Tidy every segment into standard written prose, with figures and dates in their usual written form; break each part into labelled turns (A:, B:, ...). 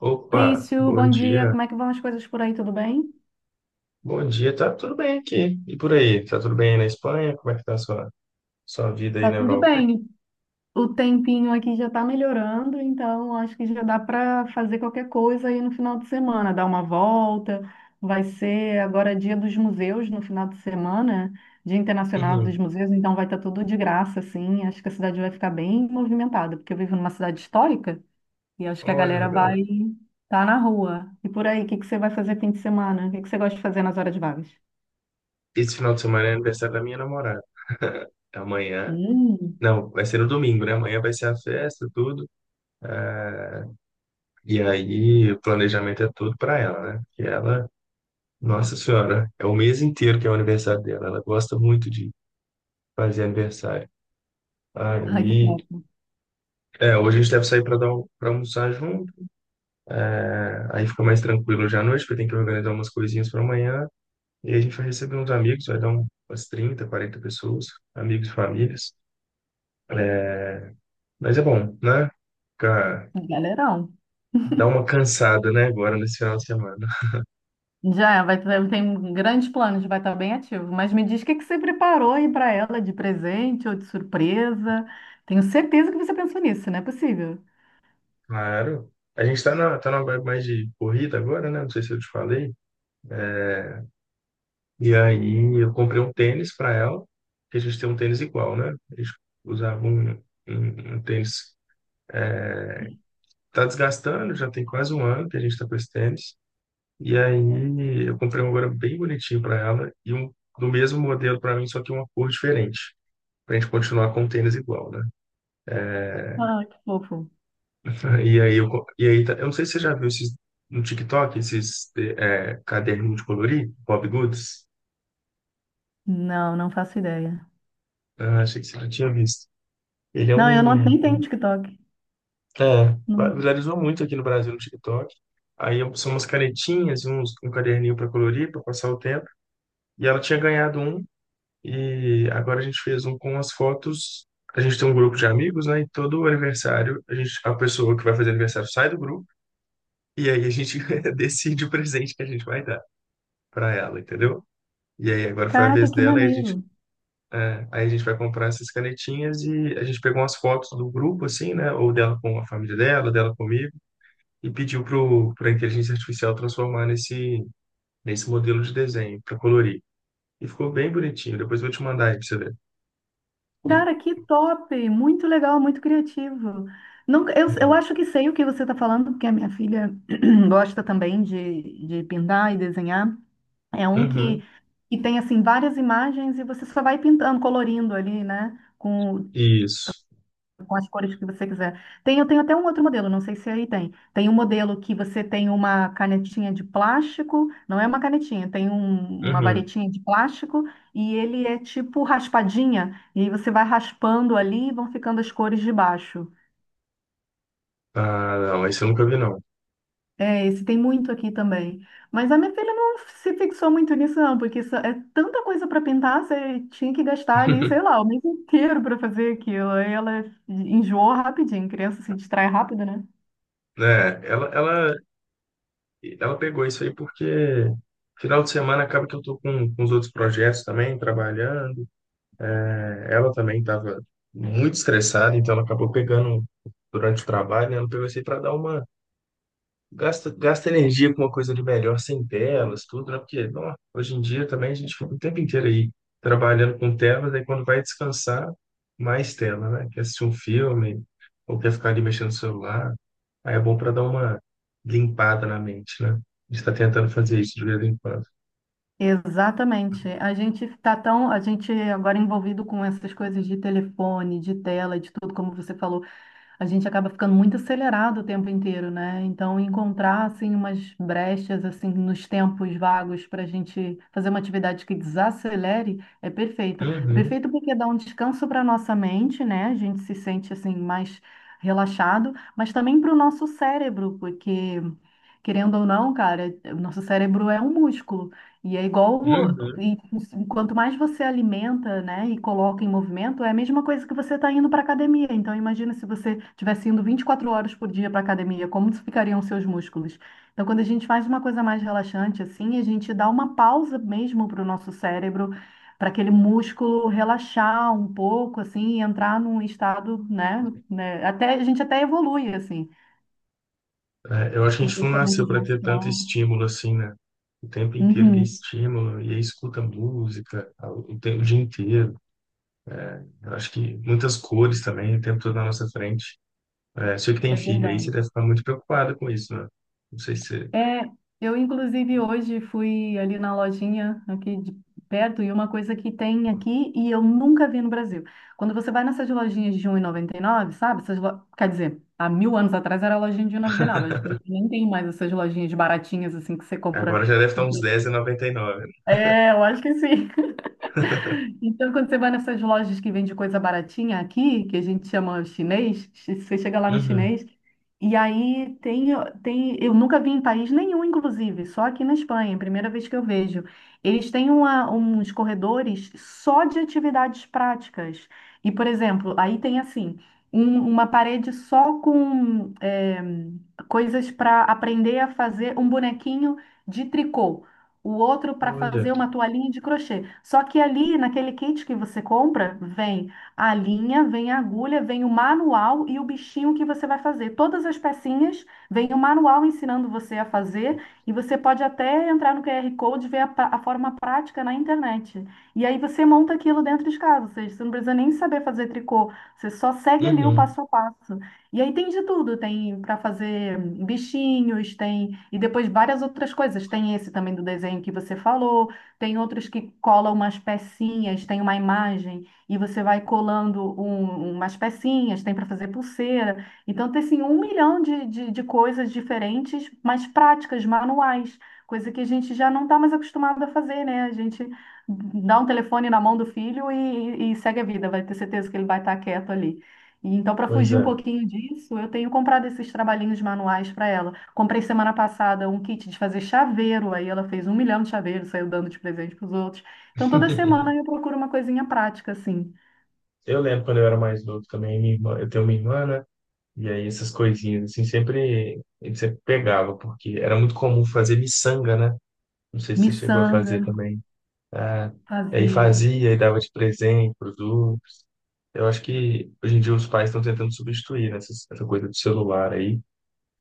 A: Opa,
B: Maurício,
A: bom
B: bom dia.
A: dia.
B: Como é que vão as coisas por aí? Tudo bem?
A: Bom dia, tá tudo bem aqui. E por aí? Tá tudo bem aí na Espanha? Como é que tá a sua vida aí
B: Tá
A: na
B: tudo
A: Europa?
B: bem. O tempinho aqui já tá melhorando, então acho que já dá para fazer qualquer coisa aí no final de semana, dar uma volta. Vai ser agora dia dos museus no final de semana, Dia Internacional
A: Uhum.
B: dos Museus, então vai estar tudo de graça, assim. Acho que a cidade vai ficar bem movimentada, porque eu vivo numa cidade histórica e acho que a
A: Olha,
B: galera vai
A: legal.
B: estar na rua. E por aí, o que que você vai fazer fim de semana? O que que você gosta de fazer nas horas vagas?
A: Esse final de semana é aniversário da minha namorada. Amanhã.
B: Hum.
A: Não, vai ser no domingo, né? Amanhã vai ser a festa, tudo. É, E aí, o planejamento é tudo pra ela, né? Nossa senhora, é o mês inteiro que é o aniversário dela. Ela gosta muito de fazer aniversário.
B: Ai, que
A: Aí,
B: top.
A: é, hoje a gente deve sair pra para almoçar junto. É, aí fica mais tranquilo já à noite, porque tem que organizar umas coisinhas para amanhã. E aí a gente vai receber uns amigos, vai umas 30, 40 pessoas, amigos e famílias. É, mas é bom, né? Fica-
B: Galerão.
A: Dá uma cansada, né, agora nesse final de semana.
B: Já é, tem grandes planos, vai estar bem ativo. Mas me diz o que que você preparou aí para ela de presente ou de surpresa. Tenho certeza que você pensou nisso, não é possível.
A: Claro. A gente tá numa vibe mais de corrida agora, né? Não sei se eu te falei. E aí eu comprei um tênis para ela, que a gente tem um tênis igual, né? A gente usava um tênis. É, Tá desgastando, já tem quase um ano que a gente tá com esse tênis. E aí eu comprei um agora bem bonitinho para ela e um do mesmo modelo para mim, só que uma cor diferente, para a gente continuar com o tênis igual, né?
B: Ah, que fofo.
A: E aí eu, co- e aí tá- Eu não sei se você já viu esses no TikTok, esses é, caderninho de colorir, Bob Goods.
B: Não, não faço ideia.
A: Ah, achei que você já tinha visto. Ele é
B: Não, eu não
A: um,
B: nem tenho TikTok.
A: é,
B: Não.
A: Viralizou muito aqui no Brasil no TikTok. Aí são umas canetinhas, um caderninho para colorir, para passar o tempo. E ela tinha ganhado um. E agora a gente fez um com as fotos. A gente tem um grupo de amigos, né? E todo aniversário, a pessoa que vai fazer aniversário sai do grupo e aí a gente decide o presente que a gente vai dar para ela, entendeu? E aí agora foi a
B: Caraca,
A: vez
B: que
A: dela e
B: maneiro.
A: aí a gente vai comprar essas canetinhas e a gente pegou umas fotos do grupo, assim, né? Ou dela com a família dela, dela comigo, e pra inteligência artificial transformar nesse modelo de desenho para colorir. E ficou bem bonitinho. Depois eu vou te mandar aí pra você ver.
B: Cara, que top! Muito legal, muito criativo. Nunca, eu
A: É.
B: acho que sei o que você está falando, porque a minha filha gosta também de pintar e desenhar. É um que,
A: Uhum.
B: que tem assim várias imagens e você só vai pintando, colorindo ali, né? Com,
A: Isso.
B: com as cores que você quiser. Tem, eu tenho até um outro modelo, não sei se aí tem. Tem um modelo que você tem uma canetinha de plástico, não é uma canetinha, tem uma
A: Uhum.
B: varetinha de plástico, e ele é tipo raspadinha, e aí você vai raspando ali e vão ficando as cores de baixo.
A: Ah, não, esse eu nunca vi, não.
B: É, esse tem muito aqui também. Mas a minha filha não se fixou muito nisso, não, porque isso é tanta coisa para pintar, você tinha que gastar ali, sei lá, o mês inteiro para fazer aquilo. Aí ela enjoou rapidinho, criança se distrai rápido, né?
A: Né? Ela, ela, ela pegou isso aí porque final de semana acaba que eu tô com os outros projetos também, trabalhando. É, ela também estava muito estressada, então ela acabou pegando durante o trabalho, né? Ela pegou isso aí para dar uma... Gasta, gasta energia com uma coisa ali melhor, sem telas, tudo, né? Porque, não, hoje em dia também a gente fica o tempo inteiro aí trabalhando com telas, aí quando vai descansar, mais tela, né? Quer assistir um filme, ou quer ficar ali mexendo no celular. Aí é bom para dar uma limpada na mente, né? A gente tá tentando fazer isso de vez em quando.
B: Exatamente. A gente agora envolvido com essas coisas de telefone, de tela, de tudo, como você falou. A gente acaba ficando muito acelerado o tempo inteiro, né? Então, encontrar assim umas brechas assim nos tempos vagos para a gente fazer uma atividade que desacelere é perfeito. É
A: Uhum,
B: perfeito porque dá um descanso para nossa mente, né? A gente se sente assim mais relaxado, mas também para o nosso cérebro, porque, querendo ou não, cara, o nosso cérebro é um músculo. E é igual
A: uhum.
B: e quanto mais você alimenta, né, e coloca em movimento, é a mesma coisa que você está indo para academia. Então, imagina se você estivesse indo 24 horas por dia para academia, como ficariam os seus músculos? Então, quando a gente faz uma coisa mais relaxante assim, a gente dá uma pausa mesmo para o nosso cérebro, para aquele músculo relaxar um pouco, assim, e entrar num estado, né, né, até a gente até evolui assim.
A: É, eu acho que a
B: Tem
A: gente não nasceu
B: pensamentos
A: para
B: mais
A: ter tanto
B: claros.
A: estímulo assim, né? O tempo inteiro de
B: Uhum,
A: estímulo, e aí escuta música tempo, o dia inteiro. Eu acho que muitas cores também, o tempo todo na nossa frente. É, sei que tem
B: é
A: filho aí, você
B: verdade.
A: deve ficar muito preocupado com isso, né? Não sei se... você-
B: É, eu inclusive hoje fui ali na lojinha aqui de perto e uma coisa que tem aqui e eu nunca vi no Brasil. Quando você vai nessas lojinhas de um 1,99, sabe? Essas lo... Quer dizer, há mil anos atrás era a lojinha de um e noventa e nove. Acho que nem tem mais essas lojinhas baratinhas assim que você compra.
A: Agora já deve estar uns 10,99.
B: É, eu acho que sim. Então, quando você vai nessas lojas que vende coisa baratinha aqui, que a gente chama chinês, você chega lá no
A: Uhum.
B: chinês, e aí tem, eu nunca vi em país nenhum, inclusive, só aqui na Espanha, é a primeira vez que eu vejo. Eles têm uns corredores só de atividades práticas. E, por exemplo, aí tem assim, uma parede só com coisas para aprender a fazer um bonequinho de tricô, o outro para
A: Olha.
B: fazer uma toalhinha de crochê. Só que ali, naquele kit que você compra, vem a linha, vem a agulha, vem o manual e o bichinho que você vai fazer. Todas as pecinhas, vem o manual ensinando você a fazer e você pode até entrar no QR Code e ver a forma prática na internet. E aí você monta aquilo dentro de casa, ou seja, você não precisa nem saber fazer tricô, você só segue ali o
A: Uhum.
B: passo a passo. E aí tem de tudo, tem para fazer bichinhos, tem e depois várias outras coisas. Tem esse também do desenho que você falou, tem outros que colam umas pecinhas, tem uma imagem e você vai colando umas pecinhas, tem para fazer pulseira. Então tem assim um milhão de coisas diferentes, mas práticas, manuais, coisa que a gente já não está mais acostumado a fazer, né? A gente dá um telefone na mão do filho e segue a vida, vai ter certeza que ele vai estar quieto ali. Então, para
A: Pois
B: fugir um
A: é.
B: pouquinho disso, eu tenho comprado esses trabalhinhos manuais para ela. Comprei semana passada um kit de fazer chaveiro, aí ela fez um milhão de chaveiros, saiu dando de presente para os outros. Então, toda semana eu procuro uma coisinha prática, assim.
A: Eu lembro quando eu era mais novo também, minha irmã, eu tenho uma irmã, né? E aí essas coisinhas, assim, sempre, ele sempre pegava, porque era muito comum fazer miçanga, né? Não sei se você chegou a
B: Miçanga,
A: fazer também. Ah, aí
B: fazia.
A: fazia e dava de presente pros outros. Eu acho que hoje em dia os pais estão tentando substituir, né, essa coisa do celular aí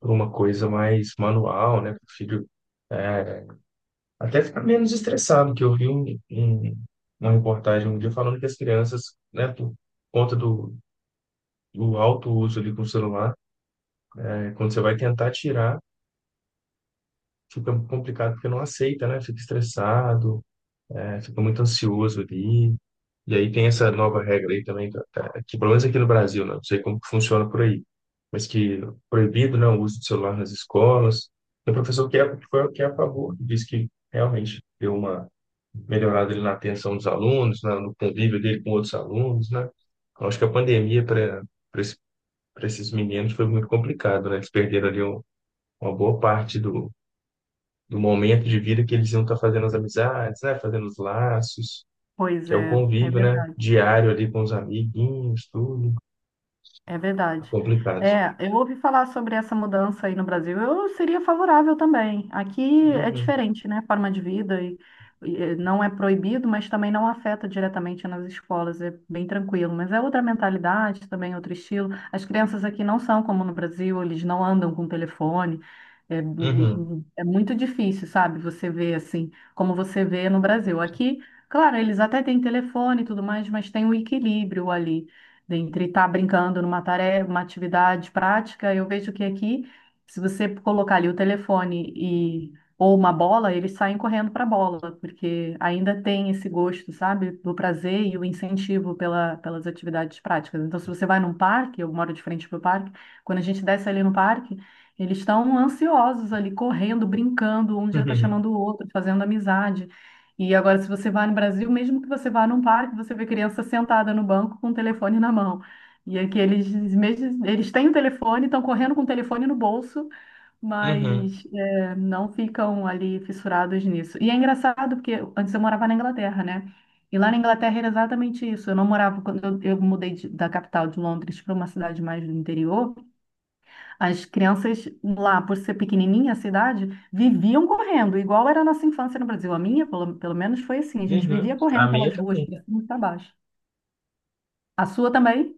A: por uma coisa mais manual, né, para o filho é, até ficar menos estressado, que eu vi uma reportagem um dia falando que as crianças, né, por conta do, do alto uso ali com o celular, né, quando você vai tentar tirar, fica complicado porque não aceita, né, fica estressado, é, fica muito ansioso ali. E aí tem essa nova regra aí também, que pelo menos aqui no Brasil, né? Não sei como que funciona por aí, mas que proibido, né, o uso de celular nas escolas. Tem um professor que é a favor, que diz que realmente deu uma melhorada ali na atenção dos alunos, no convívio dele com outros alunos, né? Eu acho que a pandemia para esses meninos foi muito complicado, né? Eles perderam ali uma boa parte do momento de vida que eles iam estar fazendo as amizades, né? Fazendo os laços
B: Pois
A: que é o
B: é, é
A: convívio, né?
B: verdade.
A: Diário ali com os amiguinhos, tudo.
B: É
A: É
B: verdade.
A: complicado.
B: É, eu ouvi falar sobre essa mudança aí no Brasil. Eu seria favorável também. Aqui é
A: Uhum,
B: diferente, né? Forma de vida e não é proibido, mas também não afeta diretamente nas escolas. É bem tranquilo. Mas é outra mentalidade, também outro estilo. As crianças aqui não são como no Brasil. Eles não andam com telefone. É,
A: uhum,
B: é muito difícil, sabe? Você vê assim, como você vê no Brasil. Aqui, claro, eles até têm telefone e tudo mais, mas tem o equilíbrio ali dentre estar brincando numa tarefa, uma atividade prática, eu vejo que aqui, se você colocar ali o telefone e ou uma bola, eles saem correndo para a bola, porque ainda tem esse gosto, sabe, do prazer e o incentivo pelas atividades práticas. Então, se você vai num parque, eu moro de frente para o parque, quando a gente desce ali no parque, eles estão ansiosos ali, correndo, brincando, um já está
A: uhum,
B: chamando o outro, fazendo amizade. E agora, se você vai no Brasil, mesmo que você vá num parque, você vê criança sentada no banco com o telefone na mão. E aqui eles, mesmo, eles têm o telefone, estão correndo com o telefone no bolso,
A: uhum,
B: mas é, não ficam ali fissurados nisso. E é engraçado, porque antes eu morava na Inglaterra, né? E lá na Inglaterra era exatamente isso. Eu não morava, quando eu mudei da capital de Londres para uma cidade mais do interior. As crianças lá, por ser pequenininha a cidade, viviam correndo, igual era a nossa infância no Brasil. A minha, pelo menos, foi assim. A gente
A: uhum.
B: vivia
A: A
B: correndo
A: minha
B: pelas ruas,
A: também.
B: para cima e para baixo. A sua também?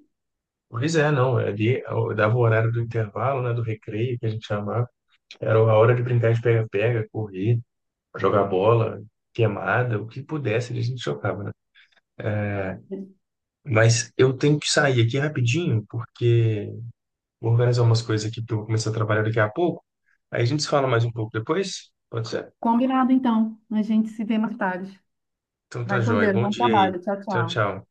A: Pois é, não. É ali eu dava o horário do intervalo, né? Do recreio, que a gente chamava. Era a hora de brincar de pega-pega, correr, jogar bola, queimada, o que pudesse, a gente jogava, né? Mas eu tenho que sair aqui rapidinho, porque vou organizar umas coisas aqui, porque eu vou começar a trabalhar daqui a pouco. Aí a gente se fala mais um pouco depois? Pode ser?
B: Combinado, então. A gente se vê mais tarde.
A: Então tá
B: Vai com
A: joia.
B: Deus.
A: Bom
B: Bom
A: dia aí.
B: trabalho. Tchau,
A: Tchau,
B: tchau.
A: tchau.